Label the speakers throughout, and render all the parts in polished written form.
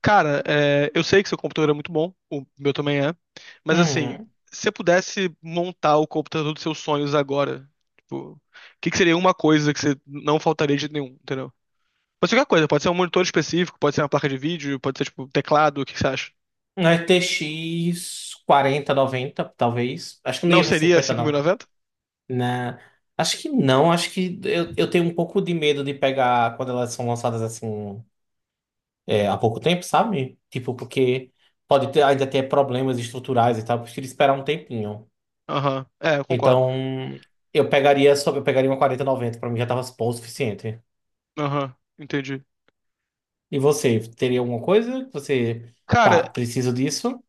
Speaker 1: Cara, eu sei que seu computador é muito bom, o meu também é, mas assim,
Speaker 2: Uhum.
Speaker 1: se você pudesse montar o computador dos seus sonhos agora, tipo, o que que seria uma coisa que você não faltaria de jeito nenhum, entendeu? Pode ser qualquer coisa, pode ser um monitor específico, pode ser uma placa de vídeo, pode ser tipo teclado, o que que você acha?
Speaker 2: Um 4090 talvez. Acho que não
Speaker 1: Não
Speaker 2: ia pra
Speaker 1: seria
Speaker 2: 50, não.
Speaker 1: 5090?
Speaker 2: na Acho que não, acho que eu tenho um pouco de medo de pegar quando elas são lançadas assim é, há pouco tempo, sabe? Tipo, porque pode ter, ainda ter problemas estruturais e tal, eu prefiro esperar um tempinho.
Speaker 1: Aham, é, eu concordo.
Speaker 2: Então, eu pegaria uma 4090 pra mim já tava bom o suficiente.
Speaker 1: Aham, entendi.
Speaker 2: E você, teria alguma coisa que você, tá,
Speaker 1: Cara,
Speaker 2: preciso disso?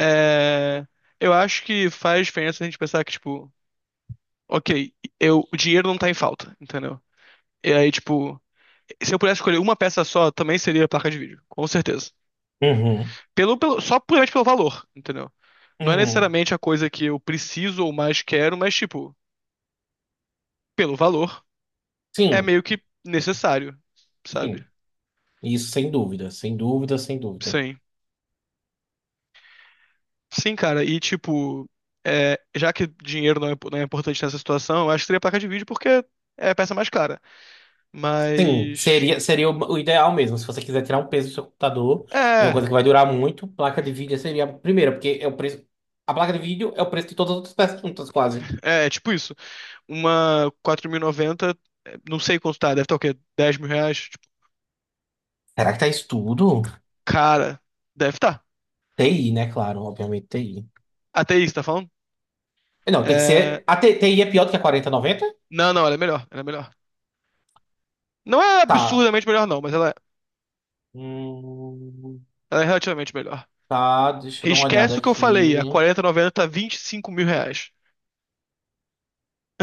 Speaker 1: é, eu acho que faz diferença a gente pensar que, tipo, ok, eu, o dinheiro não tá em falta, entendeu? E aí, tipo, se eu pudesse escolher uma peça só, também seria a placa de vídeo, com certeza.
Speaker 2: Uhum,
Speaker 1: Só puramente pelo valor, entendeu? Não é
Speaker 2: uhum.
Speaker 1: necessariamente a coisa que eu preciso ou mais quero, mas, tipo, pelo valor, é
Speaker 2: Sim.
Speaker 1: meio que necessário,
Speaker 2: Sim.
Speaker 1: sabe?
Speaker 2: Isso, sem dúvida, sem dúvida, sem dúvida.
Speaker 1: Sim. Sim, cara, e, tipo, já que dinheiro não é importante nessa situação, eu acho que seria a placa de vídeo porque é a peça mais cara.
Speaker 2: Sim,
Speaker 1: Mas.
Speaker 2: seria o ideal mesmo. Se você quiser tirar um peso do seu computador, e uma
Speaker 1: É,
Speaker 2: coisa que vai durar muito, placa de vídeo seria a primeira, porque é o preço. A placa de vídeo é o preço de todas as outras peças juntas, quase.
Speaker 1: é tipo isso. Uma 4090, não sei quanto tá, deve estar o quê? 10 mil reais? Tipo,
Speaker 2: Será que tá isso tudo?
Speaker 1: cara, deve estar.
Speaker 2: TI, né? Claro, obviamente TI.
Speaker 1: Até isso, tá falando?
Speaker 2: Não, tem que
Speaker 1: É...
Speaker 2: ser. A TI é pior do que a 4090.
Speaker 1: Não, não, ela é melhor, ela é melhor. Não é
Speaker 2: Tá.
Speaker 1: absurdamente melhor, não, mas ela,
Speaker 2: Hum,
Speaker 1: ela é relativamente melhor.
Speaker 2: tá, deixa eu dar uma olhada
Speaker 1: Esquece o que eu falei, a
Speaker 2: aqui.
Speaker 1: 4090 tá 25 mil reais.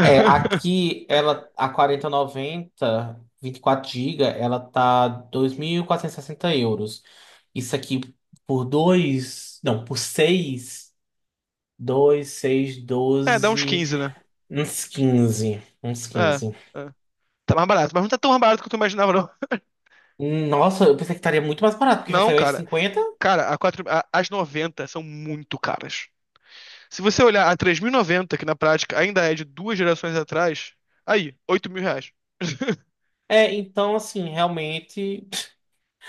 Speaker 2: É, aqui ela a 4090 24 gigas ela tá 2.460 euros. Isso aqui por dois não, por seis, dois seis
Speaker 1: É, dá uns
Speaker 2: 12,
Speaker 1: 15, né?
Speaker 2: uns quinze uns
Speaker 1: É,
Speaker 2: quinze
Speaker 1: é. Tá mais barato, mas não tá tão mais barato quanto eu imaginava, não.
Speaker 2: Nossa, eu pensei que estaria muito mais barato, porque já
Speaker 1: Não,
Speaker 2: saiu aí
Speaker 1: cara.
Speaker 2: 50.
Speaker 1: Cara, a 4, as 90 são muito caras. Se você olhar a 3090, que na prática ainda é de duas gerações atrás, aí, 8 mil reais.
Speaker 2: É, então assim, realmente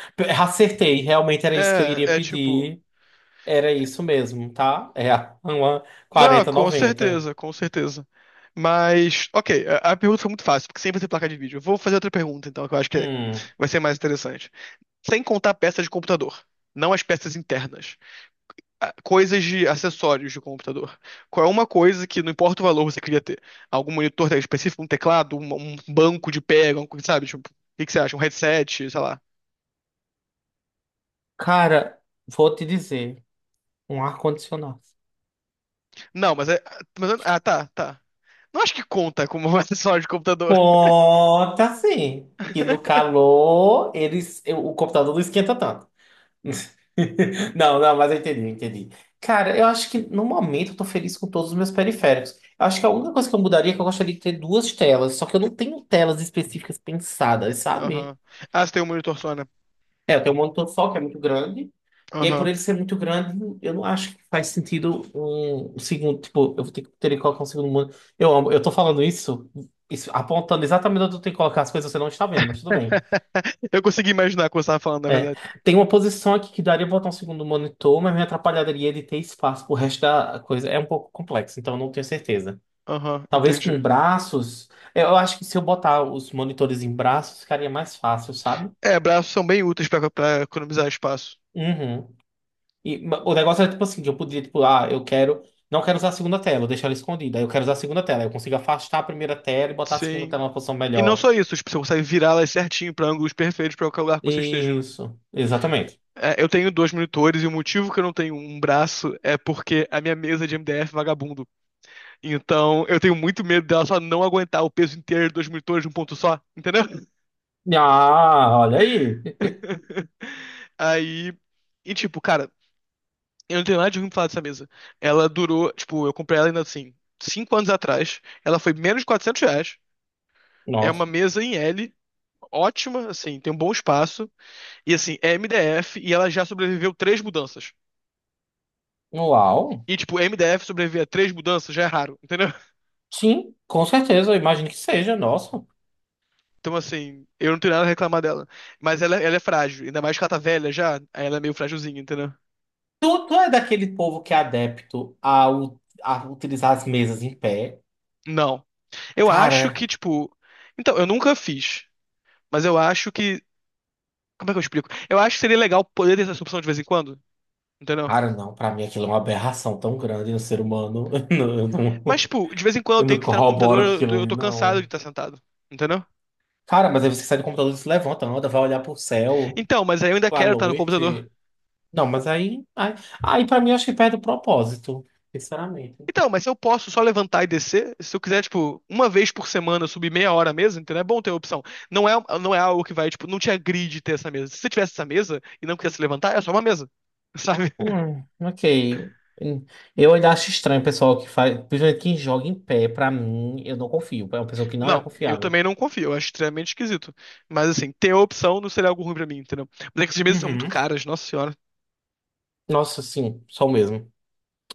Speaker 2: acertei, realmente era isso que eu iria
Speaker 1: É.
Speaker 2: pedir. Era isso mesmo, tá? É uma
Speaker 1: Não, com
Speaker 2: 4090.
Speaker 1: certeza, com certeza. Mas, ok, a pergunta foi muito fácil, porque sempre tem placa de vídeo. Eu vou fazer outra pergunta, então, que eu acho que
Speaker 2: Hum.
Speaker 1: vai ser mais interessante. Sem contar peças de computador, não as peças internas, coisas de acessórios de computador. Qual é uma coisa que, não importa o valor, você queria ter? Algum monitor tá específico, um teclado, um banco de pega, um, sabe? Tipo, o que que você acha? Um headset, sei lá.
Speaker 2: Cara, vou te dizer, um ar-condicionado.
Speaker 1: Não, mas é. Ah, tá, tá. Não acho que conta como um acessório de computador.
Speaker 2: Conta sim, que no calor eles, o computador não esquenta tanto. Não, não, mas eu entendi, eu entendi. Cara, eu acho que no momento eu tô feliz com todos os meus periféricos. Eu acho que a única coisa que eu mudaria é que eu gostaria de ter duas telas, só que eu não tenho telas específicas pensadas, sabe?
Speaker 1: Aham. Ah, você tem um monitor só, né?
Speaker 2: É, eu tenho um monitor só que é muito grande. E aí, por
Speaker 1: Aham.
Speaker 2: ele ser muito grande, eu não acho que faz sentido um, um segundo. Tipo, eu vou ter que colocar um segundo monitor. Eu amo, eu tô falando isso, apontando exatamente onde eu tenho que colocar as coisas, você não está vendo, mas tudo bem.
Speaker 1: Eu consegui imaginar o que você estava falando, na
Speaker 2: É,
Speaker 1: verdade.
Speaker 2: tem uma posição aqui que daria pra botar um segundo monitor, mas me atrapalharia de ter espaço pro resto da coisa. É um pouco complexo, então eu não tenho certeza.
Speaker 1: Aham,
Speaker 2: Talvez com
Speaker 1: entendi.
Speaker 2: braços. Eu acho que se eu botar os monitores em braços, ficaria mais fácil, sabe?
Speaker 1: É, braços são bem úteis pra economizar espaço.
Speaker 2: Uhum. E o negócio é tipo assim, que eu podia, tipo, ah, eu quero. Não quero usar a segunda tela, vou deixar ela escondida. Aí eu quero usar a segunda tela. Eu consigo afastar a primeira tela e botar a segunda
Speaker 1: Sim.
Speaker 2: tela numa posição
Speaker 1: E não
Speaker 2: melhor.
Speaker 1: só isso, tipo, você consegue virá-las certinho pra ângulos perfeitos pra qualquer lugar que você esteja, né?
Speaker 2: Isso, exatamente.
Speaker 1: É, eu tenho dois monitores e o motivo que eu não tenho um braço é porque a minha mesa de MDF é vagabundo. Então, eu tenho muito medo dela só não aguentar o peso inteiro de dois monitores de um ponto só, entendeu?
Speaker 2: Ah, olha aí.
Speaker 1: Aí, e tipo, cara, eu não tenho nada de ruim pra falar dessa mesa. Ela durou, tipo, eu comprei ela ainda assim, 5 anos atrás. Ela foi menos de R$ 400. É
Speaker 2: Nossa,
Speaker 1: uma mesa em L, ótima, assim, tem um bom espaço. E assim, é MDF e ela já sobreviveu três mudanças.
Speaker 2: uau.
Speaker 1: E, tipo, MDF sobreviver a três mudanças já é raro, entendeu?
Speaker 2: Sim, com certeza, eu imagino que seja, nossa.
Speaker 1: Então, assim, eu não tenho nada a reclamar dela. Mas ela é frágil, ainda mais que ela tá velha já, aí ela é meio frágilzinha, entendeu?
Speaker 2: Tu, tu é daquele povo que é adepto a utilizar as mesas em pé?
Speaker 1: Não. Eu acho
Speaker 2: Cara,
Speaker 1: que, tipo. Então, eu nunca fiz, mas eu acho que. Como é que eu explico? Eu acho que seria legal poder ter essa opção de vez em quando. Entendeu?
Speaker 2: cara, não, pra mim aquilo é uma aberração tão grande no ser humano. Eu não, eu
Speaker 1: Mas,
Speaker 2: não,
Speaker 1: tipo, de vez em quando eu
Speaker 2: eu
Speaker 1: tenho
Speaker 2: não
Speaker 1: que estar no computador,
Speaker 2: corroboro com
Speaker 1: eu tô,
Speaker 2: aquilo
Speaker 1: eu
Speaker 2: ali,
Speaker 1: tô cansado de
Speaker 2: não.
Speaker 1: estar sentado. Entendeu?
Speaker 2: Cara, mas aí você sai do computador, se levanta, anda, vai olhar pro céu
Speaker 1: Então, mas aí eu ainda
Speaker 2: à
Speaker 1: quero estar no computador.
Speaker 2: noite. Não, mas aí pra mim eu acho que perde o propósito, sinceramente.
Speaker 1: Então, mas se eu posso só levantar e descer? Se eu quiser, tipo, uma vez por semana subir meia hora a mesa, entendeu? É bom ter a opção. Não é, não é algo que vai, tipo, não te agride ter essa mesa. Se você tivesse essa mesa e não quisesse levantar, é só uma mesa. Sabe?
Speaker 2: Ok. Eu ainda acho estranho o pessoal que faz, principalmente quem joga em pé, pra mim, eu não confio. É uma pessoa que não é
Speaker 1: Não, eu
Speaker 2: confiável.
Speaker 1: também não confio, eu acho extremamente esquisito. Mas assim, ter a opção não seria algo ruim pra mim, entendeu? Mas é que essas mesas são muito
Speaker 2: Uhum.
Speaker 1: caras, nossa senhora.
Speaker 2: Nossa, sim, só o mesmo.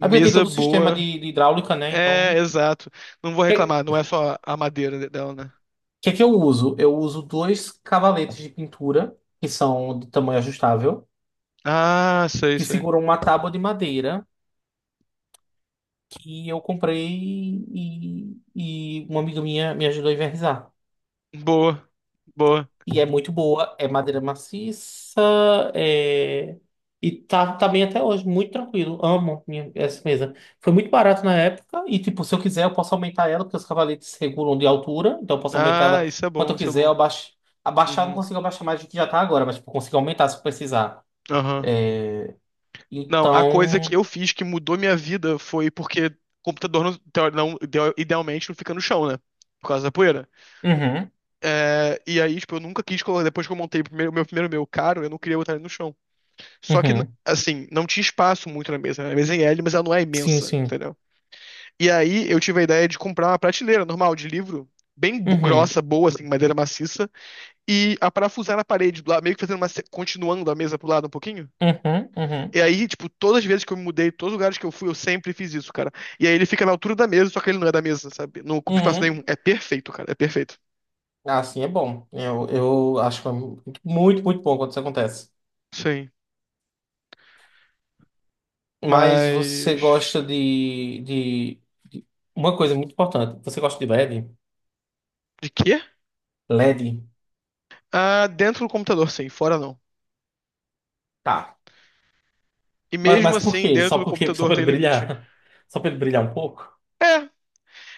Speaker 2: É porque tem todo o sistema
Speaker 1: boa.
Speaker 2: de hidráulica, né? Então,
Speaker 1: É,
Speaker 2: o
Speaker 1: exato. Não vou
Speaker 2: que,
Speaker 1: reclamar, não é só a madeira dela, né?
Speaker 2: que que eu uso? Eu uso dois cavaletes de pintura, que são de tamanho ajustável,
Speaker 1: Ah, sei,
Speaker 2: que
Speaker 1: sei.
Speaker 2: seguram uma tábua de madeira que eu comprei, e uma amiga minha me ajudou a envernizar.
Speaker 1: Boa, boa.
Speaker 2: E é muito boa, é madeira maciça, é... e tá, tá bem até hoje, muito tranquilo. Amo minha, essa mesa. Foi muito barato na época, e tipo, se eu quiser, eu posso aumentar ela, porque os cavaletes regulam de altura, então eu posso aumentar
Speaker 1: Ah,
Speaker 2: ela
Speaker 1: isso é
Speaker 2: quanto
Speaker 1: bom,
Speaker 2: eu
Speaker 1: isso é
Speaker 2: quiser, eu
Speaker 1: bom.
Speaker 2: abaixo. Abaixar, eu não
Speaker 1: Uhum,
Speaker 2: consigo abaixar mais do que já tá agora, mas tipo, eu consigo aumentar se eu precisar.
Speaker 1: aham. Não, a coisa que
Speaker 2: Então.
Speaker 1: eu fiz que mudou minha vida foi porque computador idealmente não fica no chão, né? Por causa da poeira.
Speaker 2: Uhum,
Speaker 1: É, e aí, tipo, eu nunca quis colocar. Depois que eu montei meu primeiro meu caro, eu não queria botar ele no chão. Só que,
Speaker 2: uhum.
Speaker 1: assim, não tinha espaço muito na mesa, né? A mesa é em L, mas ela não é
Speaker 2: Sim,
Speaker 1: imensa,
Speaker 2: sim.
Speaker 1: entendeu? E aí eu tive a ideia de comprar uma prateleira normal de livro,
Speaker 2: Uhum,
Speaker 1: grossa, boa, assim, madeira maciça, e a parafusar na parede do lado, meio que fazendo uma, continuando a mesa pro lado um pouquinho.
Speaker 2: uhum, uhum,
Speaker 1: E aí, tipo, todas as vezes que eu me mudei, todos os lugares que eu fui, eu sempre fiz isso, cara. E aí ele fica na altura da mesa, só que ele não é da mesa, sabe? Não ocupa espaço
Speaker 2: uhum.
Speaker 1: nenhum. É perfeito, cara, é perfeito.
Speaker 2: Ah, sim, é bom. Eu acho que é muito, muito muito bom quando isso acontece.
Speaker 1: Sim.
Speaker 2: Mas você
Speaker 1: Mas.
Speaker 2: gosta de. Uma coisa muito importante. Você gosta de LED?
Speaker 1: De quê?
Speaker 2: LED?
Speaker 1: Ah, dentro do computador, sim, fora não.
Speaker 2: Tá.
Speaker 1: E
Speaker 2: Mas,
Speaker 1: mesmo
Speaker 2: mas por
Speaker 1: assim,
Speaker 2: quê?
Speaker 1: dentro do
Speaker 2: Só
Speaker 1: computador
Speaker 2: pra
Speaker 1: tem
Speaker 2: ele
Speaker 1: limite.
Speaker 2: brilhar? Só pra ele brilhar um pouco?
Speaker 1: É,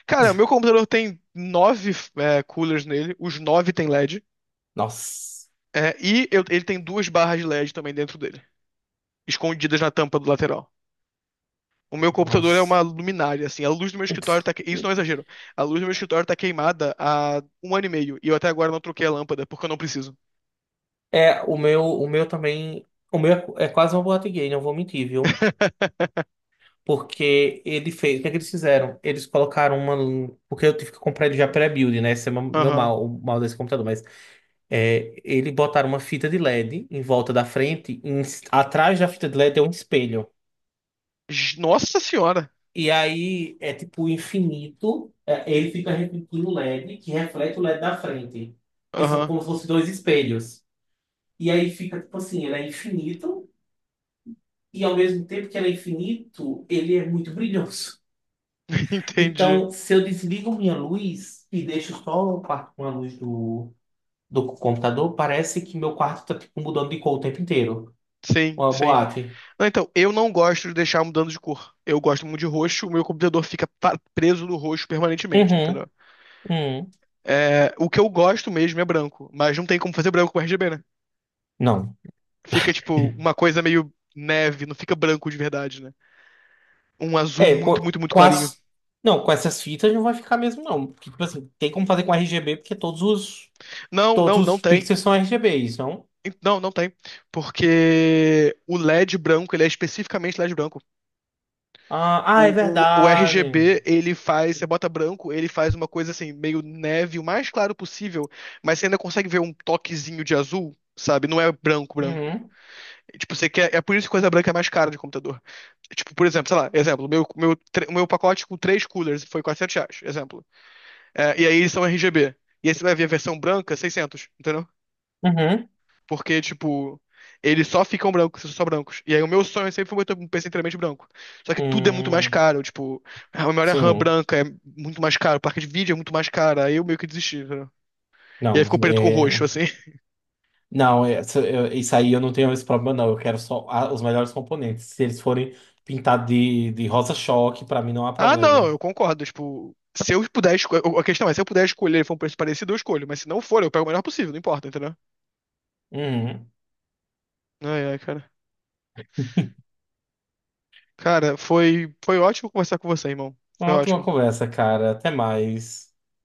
Speaker 1: cara, o meu computador tem nove coolers nele, os nove tem LED.
Speaker 2: Nossa,
Speaker 1: E eu- ele tem duas barras de LED também dentro dele, escondidas na tampa do lateral. O meu computador é
Speaker 2: nossa.
Speaker 1: uma luminária, assim, a luz do meu escritório tá... isso não é exagero. A luz do meu escritório tá queimada há um ano e meio, e eu até agora não troquei a lâmpada, porque eu não preciso.
Speaker 2: É, o meu também. O meu é quase uma boate gay, não vou mentir, viu? Porque ele fez. O que é que eles fizeram? Eles colocaram uma. Porque eu tive que comprar ele já pré-build, né? Esse é o meu
Speaker 1: Aham.
Speaker 2: mal, o mal desse computador. Mas. É, ele botaram uma fita de LED em volta da frente, atrás da fita de LED é um espelho.
Speaker 1: Nossa senhora!
Speaker 2: E aí é tipo infinito, é, ele fica refletindo o LED, que reflete o LED da frente, que são
Speaker 1: Aham.
Speaker 2: como se fossem dois espelhos. E aí fica tipo assim, ele é infinito, e ao mesmo tempo que ele é infinito, ele é muito brilhoso.
Speaker 1: Entendi.
Speaker 2: Então, se eu desligo minha luz e deixo só o quarto com a luz do, do computador, parece que meu quarto tá tipo mudando de cor o tempo inteiro.
Speaker 1: Sim,
Speaker 2: Uma
Speaker 1: sim.
Speaker 2: boate.
Speaker 1: Não, então, eu não gosto de deixar mudando de cor. Eu gosto muito de roxo, o meu computador fica preso no roxo permanentemente,
Speaker 2: Uhum.
Speaker 1: entendeu?
Speaker 2: Hum,
Speaker 1: É, o que eu gosto mesmo é branco, mas não tem como fazer branco com RGB, né?
Speaker 2: não.
Speaker 1: Fica, tipo, uma coisa meio neve, não fica branco de verdade, né? Um azul
Speaker 2: É,
Speaker 1: muito,
Speaker 2: pô,
Speaker 1: muito, muito
Speaker 2: com
Speaker 1: clarinho.
Speaker 2: as. Não, com essas fitas não vai ficar mesmo, não. Porque, tipo assim, tem como fazer com RGB, porque todos os.
Speaker 1: Não,
Speaker 2: Todos
Speaker 1: não, não
Speaker 2: os
Speaker 1: tem.
Speaker 2: pixels são RGBs, não?
Speaker 1: Não, não tem. Porque o LED branco, ele é especificamente LED branco.
Speaker 2: Ah, ah, é
Speaker 1: O
Speaker 2: verdade.
Speaker 1: RGB, ele faz, você bota branco, ele faz uma coisa assim, meio neve, o mais claro possível, mas você ainda consegue ver um toquezinho de azul, sabe? Não é branco, branco.
Speaker 2: Uhum,
Speaker 1: Tipo, você quer. É por isso que coisa branca é mais cara de computador. Tipo, por exemplo, sei lá, exemplo, o meu pacote com três coolers foi 400 reais, exemplo. É, e aí eles são RGB. E aí você vai ver a versão branca, 600, entendeu?
Speaker 2: uhum.
Speaker 1: Porque, tipo, eles só ficam brancos, são só brancos. E aí o meu sonho sempre foi ter um PC inteiramente branco. Só que tudo é muito mais
Speaker 2: Hum,
Speaker 1: caro, tipo, a memória RAM
Speaker 2: sim.
Speaker 1: branca é muito mais caro, placa de vídeo é muito mais cara. Aí eu meio que desisti, entendeu? E aí
Speaker 2: Não,
Speaker 1: ficou preto com roxo,
Speaker 2: é.
Speaker 1: assim.
Speaker 2: Não, isso aí eu não tenho esse problema, não. Eu quero só os melhores componentes. Se eles forem pintados de rosa choque, pra mim não há
Speaker 1: Ah, não,
Speaker 2: problema.
Speaker 1: eu concordo. Tipo, se eu puder escolher. A questão é, se eu puder escolher e for um preço parecido, eu escolho. Mas se não for, eu pego o melhor possível, não importa, entendeu?
Speaker 2: Uhum.
Speaker 1: Ai, ai, cara. Cara, foi ótimo conversar com você, irmão. Foi
Speaker 2: Uma ótima
Speaker 1: ótimo.
Speaker 2: conversa, cara. Até mais.